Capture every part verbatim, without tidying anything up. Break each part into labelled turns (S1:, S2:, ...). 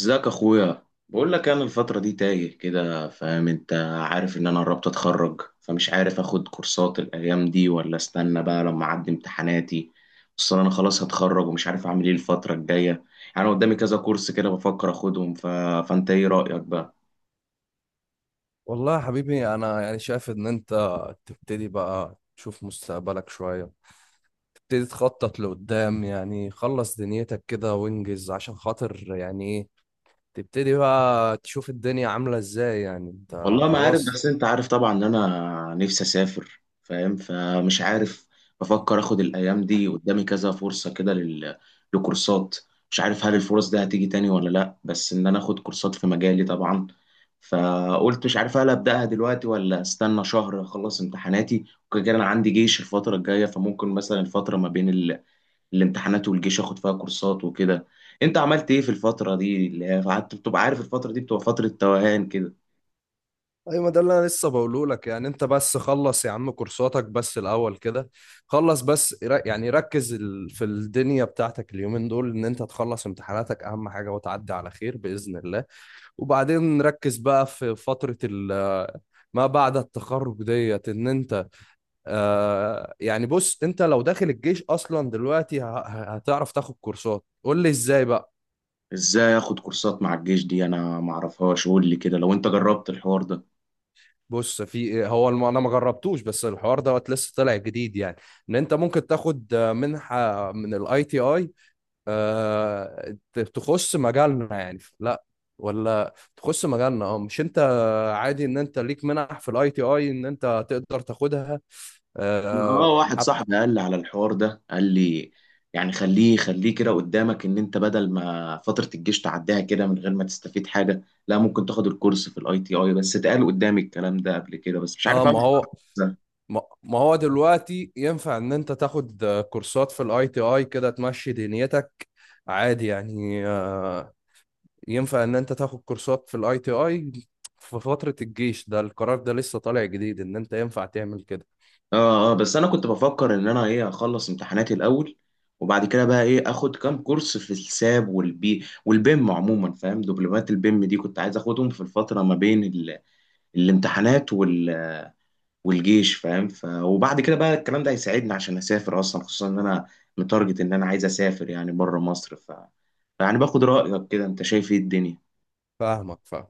S1: ازيك اخويا. بقول لك انا الفتره دي تايه كده، فاهم انت؟ عارف ان انا قربت اتخرج، فمش عارف اخد كورسات الايام دي ولا استنى بقى لما اعدي امتحاناتي. اصل انا خلاص هتخرج ومش عارف اعمل ايه الفتره الجايه. يعني قدامي كذا كورس كده بفكر اخدهم ف... فانت ايه رايك بقى؟
S2: والله يا حبيبي، انا يعني شايف ان انت تبتدي بقى تشوف مستقبلك شوية. تبتدي تخطط لقدام، يعني خلص دنيتك كده وانجز عشان خاطر يعني ايه. تبتدي بقى تشوف الدنيا عاملة ازاي، يعني انت
S1: والله ما عارف،
S2: خلاص.
S1: بس انت عارف طبعا ان انا نفسي اسافر، فاهم؟ فمش عارف. بفكر اخد الايام دي قدامي كذا فرصة كده لل... لكورسات. مش عارف هل الفرص دي هتيجي تاني ولا لا، بس ان انا اخد كورسات في مجالي طبعا. فقلت مش عارف هل ابداها دلوقتي ولا استنى شهر اخلص امتحاناتي، وكده كده انا عندي جيش الفترة الجاية، فممكن مثلا الفترة ما بين ال... الامتحانات والجيش اخد فيها كورسات وكده. انت عملت ايه في الفترة دي اللي هي قعدت، بتبقى عارف الفترة دي بتبقى فترة توهان كده.
S2: ايوه، ما ده اللي انا لسه بقوله لك، يعني انت بس خلص يا عم كورساتك بس الاول كده. خلص بس ر- يعني ركز ال- في الدنيا بتاعتك اليومين دول، ان انت تخلص امتحاناتك اهم حاجة وتعدي على خير بإذن الله. وبعدين ركز بقى في فترة ال- ما بعد التخرج ديت ان انت. آه يعني بص، انت لو داخل الجيش اصلا دلوقتي ه- ه- هتعرف تاخد كورسات؟ قول لي ازاي بقى.
S1: ازاي اخد كورسات مع الجيش دي؟ انا معرفهاش، قول لي كده لو انت جربت الحوار ده.
S2: بص في إيه، هو الم- انا ما جربتوش، بس الحوار دوت لسه طالع جديد يعني. ان انت ممكن تاخد آه، منحة من الاي تي اي تخص مجالنا، يعني لا، ولا تخص مجالنا، اه مش انت. عادي ان انت ليك منح في الاي تي اي ان انت تقدر تاخدها.
S1: اه،
S2: آه
S1: واحد
S2: حط.
S1: صاحبي قال لي على الحوار ده، قال لي يعني خليه خليه كده قدامك ان انت بدل ما فترة الجيش تعديها كده من غير ما تستفيد حاجة، لا ممكن تاخد الكورس في الاي تي اي. بس اتقال قدامي الكلام ده قبل كده، بس مش
S2: اه،
S1: عارف اعمل
S2: ما هو،
S1: ازاي.
S2: ما ما هو دلوقتي ينفع ان انت تاخد آه، كورسات في الاي تي اي كده تمشي دنيتك. عادي يعني. آه ينفع ان انت تاخد كورسات في الاي تي اي في فترة الجيش. ده القرار ده لسه طالع جديد ان انت ينفع تعمل كده.
S1: اه اه، بس انا كنت بفكر ان انا ايه، اخلص امتحاناتي الاول، وبعد كده بقى ايه، اخد كام كورس في الساب والبي والبيم عموما، فاهم؟ دبلومات البيم دي كنت عايز اخدهم في الفترة ما بين ال الامتحانات وال... والجيش، فاهم؟ ف... وبعد كده بقى الكلام ده هيساعدني عشان اسافر اصلا، خصوصا ان انا متارجت ان انا عايز اسافر يعني بره مصر. ف... يعني باخد رايك كده، انت شايف ايه الدنيا؟
S2: فاهمك، فاهم.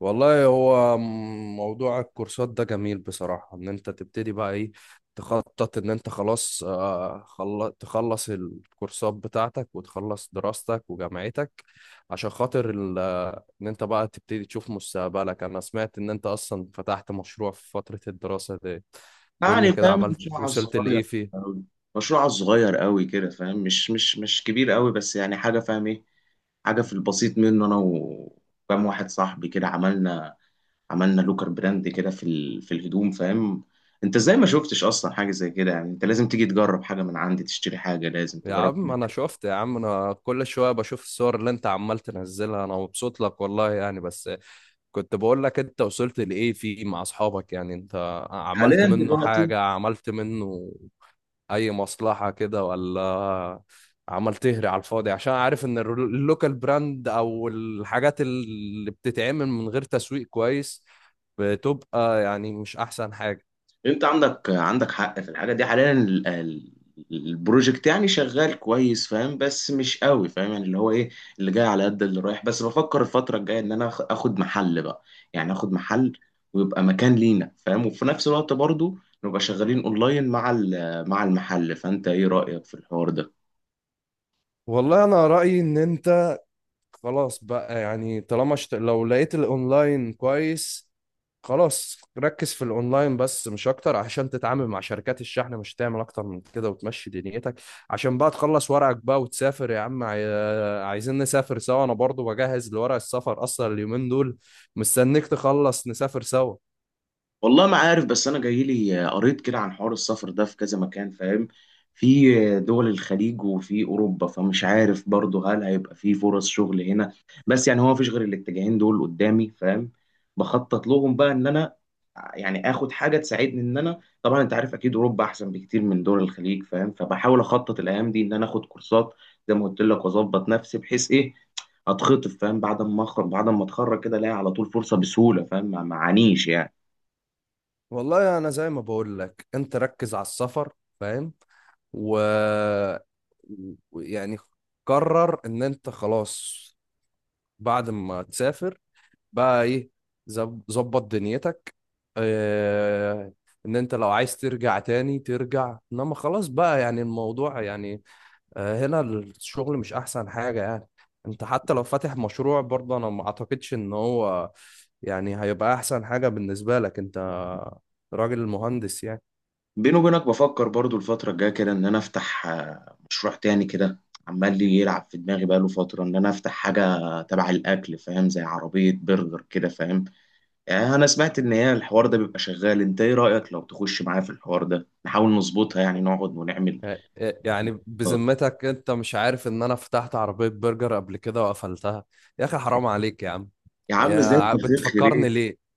S2: والله هو م- موضوع الكورسات ده جميل بصراحة، ان انت تبتدي بقى ايه، تخطط ان انت خلاص. آه، خل- تخلص الكورسات بتاعتك وتخلص دراستك وجامعتك عشان خاطر ال- آه، ان انت بقى تبتدي تشوف مستقبلك. انا سمعت ان انت اصلا فتحت مشروع في فترة الدراسة دي. تقول لي
S1: يعني
S2: كده،
S1: فاهم
S2: عملت
S1: المشروع على
S2: وصلت
S1: الصغير
S2: لايه فيه؟
S1: قوي. مشروع على الصغير قوي كده، فاهم؟ مش مش مش كبير قوي، بس يعني حاجه، فاهم ايه، حاجه في البسيط منه. انا وكام واحد صاحبي كده عملنا عملنا لوكر براند كده في ال... في الهدوم، فاهم؟ انت ازاي ما شفتش اصلا حاجه زي كده؟ يعني انت لازم تيجي تجرب حاجه من عندي، تشتري حاجه، لازم
S2: يا
S1: تجرب.
S2: عم انا شفت، يا عم انا كل شوية بشوف الصور اللي انت عمال تنزلها، انا مبسوط لك والله يعني. بس كنت بقول لك انت وصلت لايه فيه مع اصحابك، يعني انت عملت
S1: حاليا
S2: منه
S1: دلوقتي
S2: حاجة، عملت منه اي مصلحة كده ولا عمال تهري على الفاضي؟ عشان عارف ان الرو- اللوكال براند او الحاجات اللي بتتعمل من غير تسويق كويس بتبقى يعني مش احسن حاجة.
S1: انت عندك عندك حق في الحاجه دي. حاليا ال- ال- البروجكت يعني شغال كويس، فاهم؟ بس مش قوي، فاهم يعني اللي هو ايه، اللي جاي على قد اللي رايح. بس بفكر الفتره الجايه ان انا آخ- اخد محل بقى. يعني اخد محل، ويبقى مكان لينا، فاهم؟ وفي نفس الوقت برضو نبقى شغالين اونلاين مع ال- مع المحل. فانت ايه رايك في الحوار ده؟
S2: والله انا رأيي ان انت خلاص بقى، يعني طالما شت... لو لقيت الاونلاين كويس، خلاص ركز في الاونلاين بس مش اكتر عشان تتعامل مع شركات الشحن. مش هتعمل اكتر من كده وتمشي دنيتك، عشان بقى تخلص ورقك بقى وتسافر يا عم. عاي... عايزين نسافر سوا، انا برضو بجهز لورق السفر اصلا اليومين دول، مستنيك تخلص نسافر سوا.
S1: والله ما عارف، بس انا جاي لي قريت كده عن حوار السفر ده في كذا مكان، فاهم؟ في دول الخليج وفي اوروبا، فمش عارف برضه هل هيبقى في فرص شغل هنا. بس يعني هو مفيش غير الاتجاهين دول قدامي، فاهم؟ بخطط لهم بقى ان انا يعني اخد حاجه تساعدني ان انا. طبعا انت عارف اكيد اوروبا احسن بكتير من دول الخليج، فاهم؟ فبحاول اخطط الايام دي ان انا اخد كورسات زي ما قلت لك، واظبط نفسي بحيث ايه، اتخطف، فاهم؟ بعد ما اخرج بعد ما اتخرج كده الاقي على طول فرصه بسهوله، فاهم؟ ما معانيش يعني.
S2: والله انا زي ما بقول لك، انت ركز على السفر، فاهم؟ و و- يعني قرر ان انت خلاص بعد ما تسافر بقى ايه، زب- ظبط دنيتك. اه، ان انت لو عايز ترجع تاني ترجع، انما خلاص بقى يعني، الموضوع يعني، اه، هنا الشغل مش احسن حاجة يعني. انت حتى لو فاتح مشروع برضه انا ما اعتقدش ان هو يعني هيبقى احسن حاجة بالنسبة لك. انت راجل مهندس يعني.
S1: بيني وبينك بفكر برضو الفترة الجاية كده إن أنا أفتح آه، مشروع تاني كده. عمال لي يلعب في دماغي بقاله فترة إن أنا أفتح حاجة تبع الأكل، فاهم؟ زي عربية برجر كده، فاهم؟ آه، أنا سمعت إن هي الحوار ده بيبقى شغال. أنت إيه رأيك لو تخش معايا في الحوار ده، نحاول نظبطها يعني، نقعد ونعمل.
S2: يعني
S1: آه.
S2: بذمتك انت مش عارف ان انا فتحت عربية برجر قبل كده وقفلتها؟ يا اخي حرام عليك يا عم.
S1: يا عم
S2: يا
S1: إزاي؟
S2: ع-
S1: التغيير خير إيه.
S2: بتفكرني ليه؟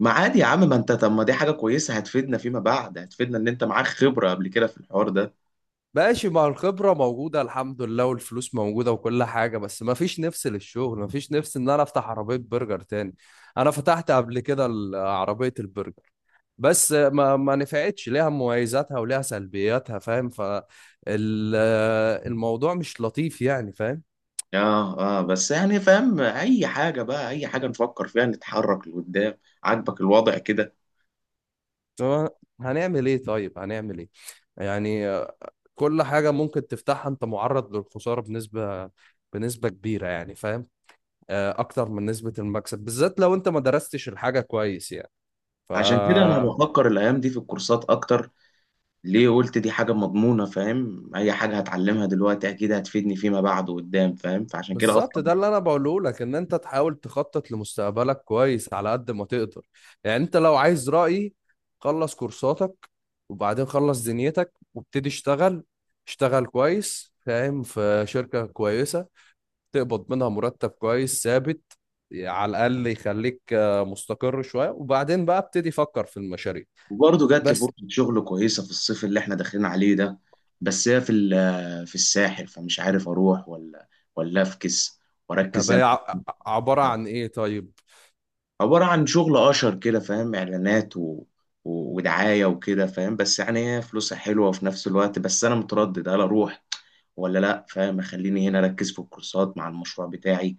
S1: ما عادي يا عم، ما أنت طب ما دي حاجة كويسة، هتفيدنا فيما بعد، هتفيدنا إن أنت معاك خبرة قبل كده في الحوار ده.
S2: ماشي، ما الخبرة موجودة الحمد لله، والفلوس موجودة، وكل حاجة، بس ما فيش نفس للشغل، ما فيش نفس ان انا افتح عربية برجر تاني. انا فتحت قبل كده ال- عربية البرجر، بس ما ما نفعتش، ليها مميزاتها وليها سلبياتها فاهم، فالموضوع مش لطيف يعني، فاهم؟
S1: اه اه، بس يعني فاهم اي حاجه بقى، اي حاجه نفكر فيها، نتحرك لقدام. عاجبك الوضع كده؟
S2: هو هنعمل ايه طيب، هنعمل ايه؟ يعني آه، كل حاجة ممكن تفتحها انت معرض للخسارة بنسبة بنسبة كبيرة يعني، فاهم؟ آه، اكتر من نسبة المكسب، بالذات لو انت ما درستش الحاجة كويس يعني. ف
S1: عشان كده انا بفكر الايام دي في الكورسات اكتر. ليه؟ قلت دي حاجه مضمونه، فاهم؟ اي حاجه هتعلمها دلوقتي اكيد هتفيدني فيما بعد قدام، فاهم؟ فعشان كده
S2: بالظبط،
S1: اصلا.
S2: ده اللي انا بقوله لك، ان انت تحاول تخطط لمستقبلك كويس على قد ما تقدر. يعني انت لو عايز رأيي، خلص كورساتك، وبعدين خلص دنيتك وابتدي اشتغل، اشتغل كويس فاهم في شركة كويسة، تقبض منها مرتب كويس ثابت، على الأقل يخليك آه، مستقر شوية، وبعدين بقى ابتدي فكر في المشاريع
S1: وبرضه جات لي
S2: بس.
S1: فرصه شغل كويسه في الصيف اللي احنا داخلين عليه ده، بس هي في ال- في الساحل، فمش عارف اروح ولا ولا افكس واركز
S2: طب
S1: زي ما
S2: هي ع-
S1: كنت.
S2: عبارة عن إيه طيب؟
S1: عبارة عن شغل اشر كده، فاهم؟ اعلانات و... و... ودعاية وكده، فاهم؟ بس يعني هي فلوسها حلوة، وفي نفس الوقت بس انا متردد هل اروح ولا لا، فاهم؟ اخليني هنا اركز في الكورسات مع المشروع بتاعي،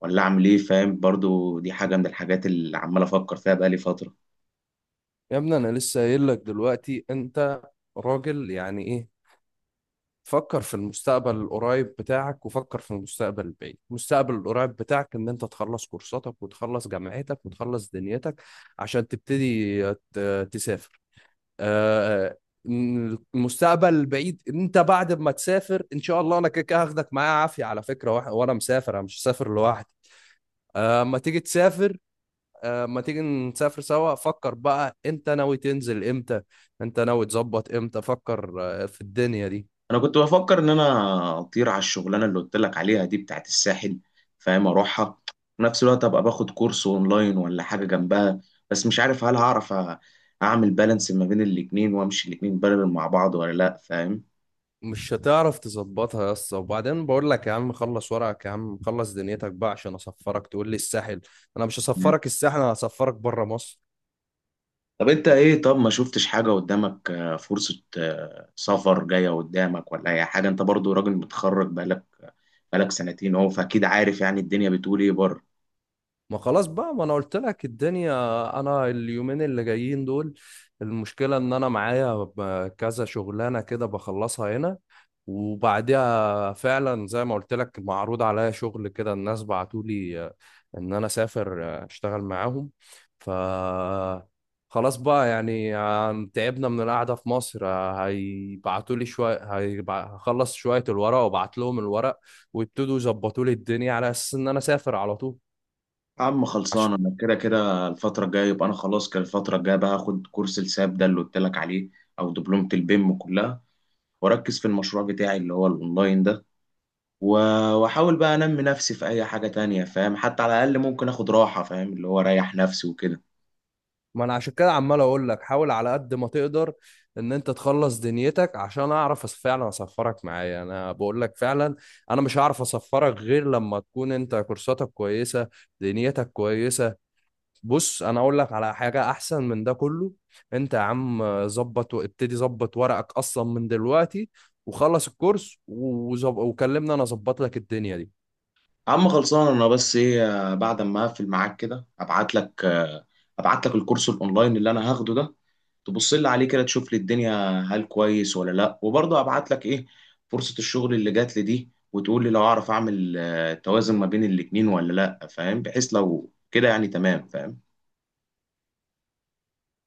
S1: ولا اعمل ايه، فاهم؟ برضو دي حاجة من الحاجات اللي عمال افكر فيها بقالي فترة.
S2: يا ابني، أنا لسه قايل لك دلوقتي، أنت راجل يعني إيه؟ فكر في المستقبل القريب بتاعك وفكر في المستقبل البعيد. المستقبل القريب بتاعك ان انت تخلص كورساتك وتخلص جامعتك وتخلص دنيتك عشان تبتدي ت- تسافر. آه، المستقبل البعيد، انت بعد ما تسافر ان شاء الله انا كده كده هاخدك معايا عافيه على فكره، وح- وانا مسافر انا مش هسافر لوحدي. آه، اما تيجي تسافر، آه، اما تيجي نسافر سوا، فكر بقى انت ناوي تنزل امتى. انت ناوي تظبط امتى؟ فكر آه، في الدنيا دي.
S1: انا كنت بفكر ان انا اطير على الشغلانه اللي قلت لك عليها دي بتاعت الساحل، فاهم؟ اروحها في نفس الوقت، ابقى باخد كورس اونلاين ولا حاجه جنبها. بس مش عارف هل هعرف أ- اعمل بالانس ما بين الاتنين، وامشي الاتنين بارل مع بعض ولا لا، فاهم؟
S2: مش هتعرف تظبطها يا اسطى. وبعدين بقول لك يا عم خلص ورقك، يا عم خلص دنيتك بقى عشان اسفرك، تقول لي الساحل؟ انا مش
S1: مم.
S2: هسفرك الساحل، انا هسفرك بره مصر.
S1: طب انت ايه، طب ما شفتش حاجه قدامك، آه، فرصه آه، سفر جايه قدامك ولا اي حاجه؟ انت برضو راجل متخرج بقالك بقالك سنتين اهو، فاكيد عارف يعني الدنيا بتقول ايه بره.
S2: ما خلاص بقى، ما انا قلت لك الدنيا. انا اليومين اللي جايين دول، المشكلة ان انا معايا ب- كذا شغلانة كده بخلصها هنا، وبعدها فعلا زي ما قلت لك معروض عليا شغل كده، الناس بعتولي آه، ان انا اسافر آه، اشتغل معاهم. ف خلاص بقى، يعني عن- تعبنا من القعدة في مصر. آه، هيبعتولي شوية، هيبع- هخلص شوية الورق وابعت لهم الورق، ويبتدوا يظبطوا لي الدنيا على اساس ان انا اسافر على طول.
S1: يا عم خلصان،
S2: عشان
S1: انا كده كده الفترة الجاية يبقى انا خلاص كده. الفترة الجاية بقى هاخد كورس الساب ده اللي قلت لك عليه او دبلومة البيم كلها، واركز في المشروع بتاعي اللي هو الاونلاين ده، و- واحاول بقى انمي نفسي في اي حاجة تانية، فاهم؟ حتى على الاقل ممكن اخد راحة، فاهم؟ اللي هو اريح نفسي وكده.
S2: ما انا عشان كده عمال اقول لك حاول على قد ما تقدر ان انت تخلص دنيتك، عشان اعرف أص- فعلا اسفرك معايا. انا بقول لك فعلا، انا مش هعرف اسفرك غير لما تكون انت كورساتك كويسة، دنيتك كويسة. بص، انا اقول لك على حاجة احسن من ده كله. انت يا عم ظبط، وابتدي ظبط ورقك اصلا من دلوقتي، وخلص الكورس وزب... وكلمنا، انا اظبط لك الدنيا دي.
S1: عم خلصان، انا بس ايه، آه، بعد ما اقفل معاك كده ابعت لك آه، ابعت لك الكورس الاونلاين اللي انا هاخده ده، تبص لي عليه كده، تشوف لي الدنيا هل كويس ولا لا. وبرضه ابعت لك ايه، فرصة الشغل اللي جات لي دي، وتقول لي لو اعرف اعمل آه، توازن ما بين الاتنين ولا لا، فاهم؟ بحيث لو كده يعني تمام، فاهم؟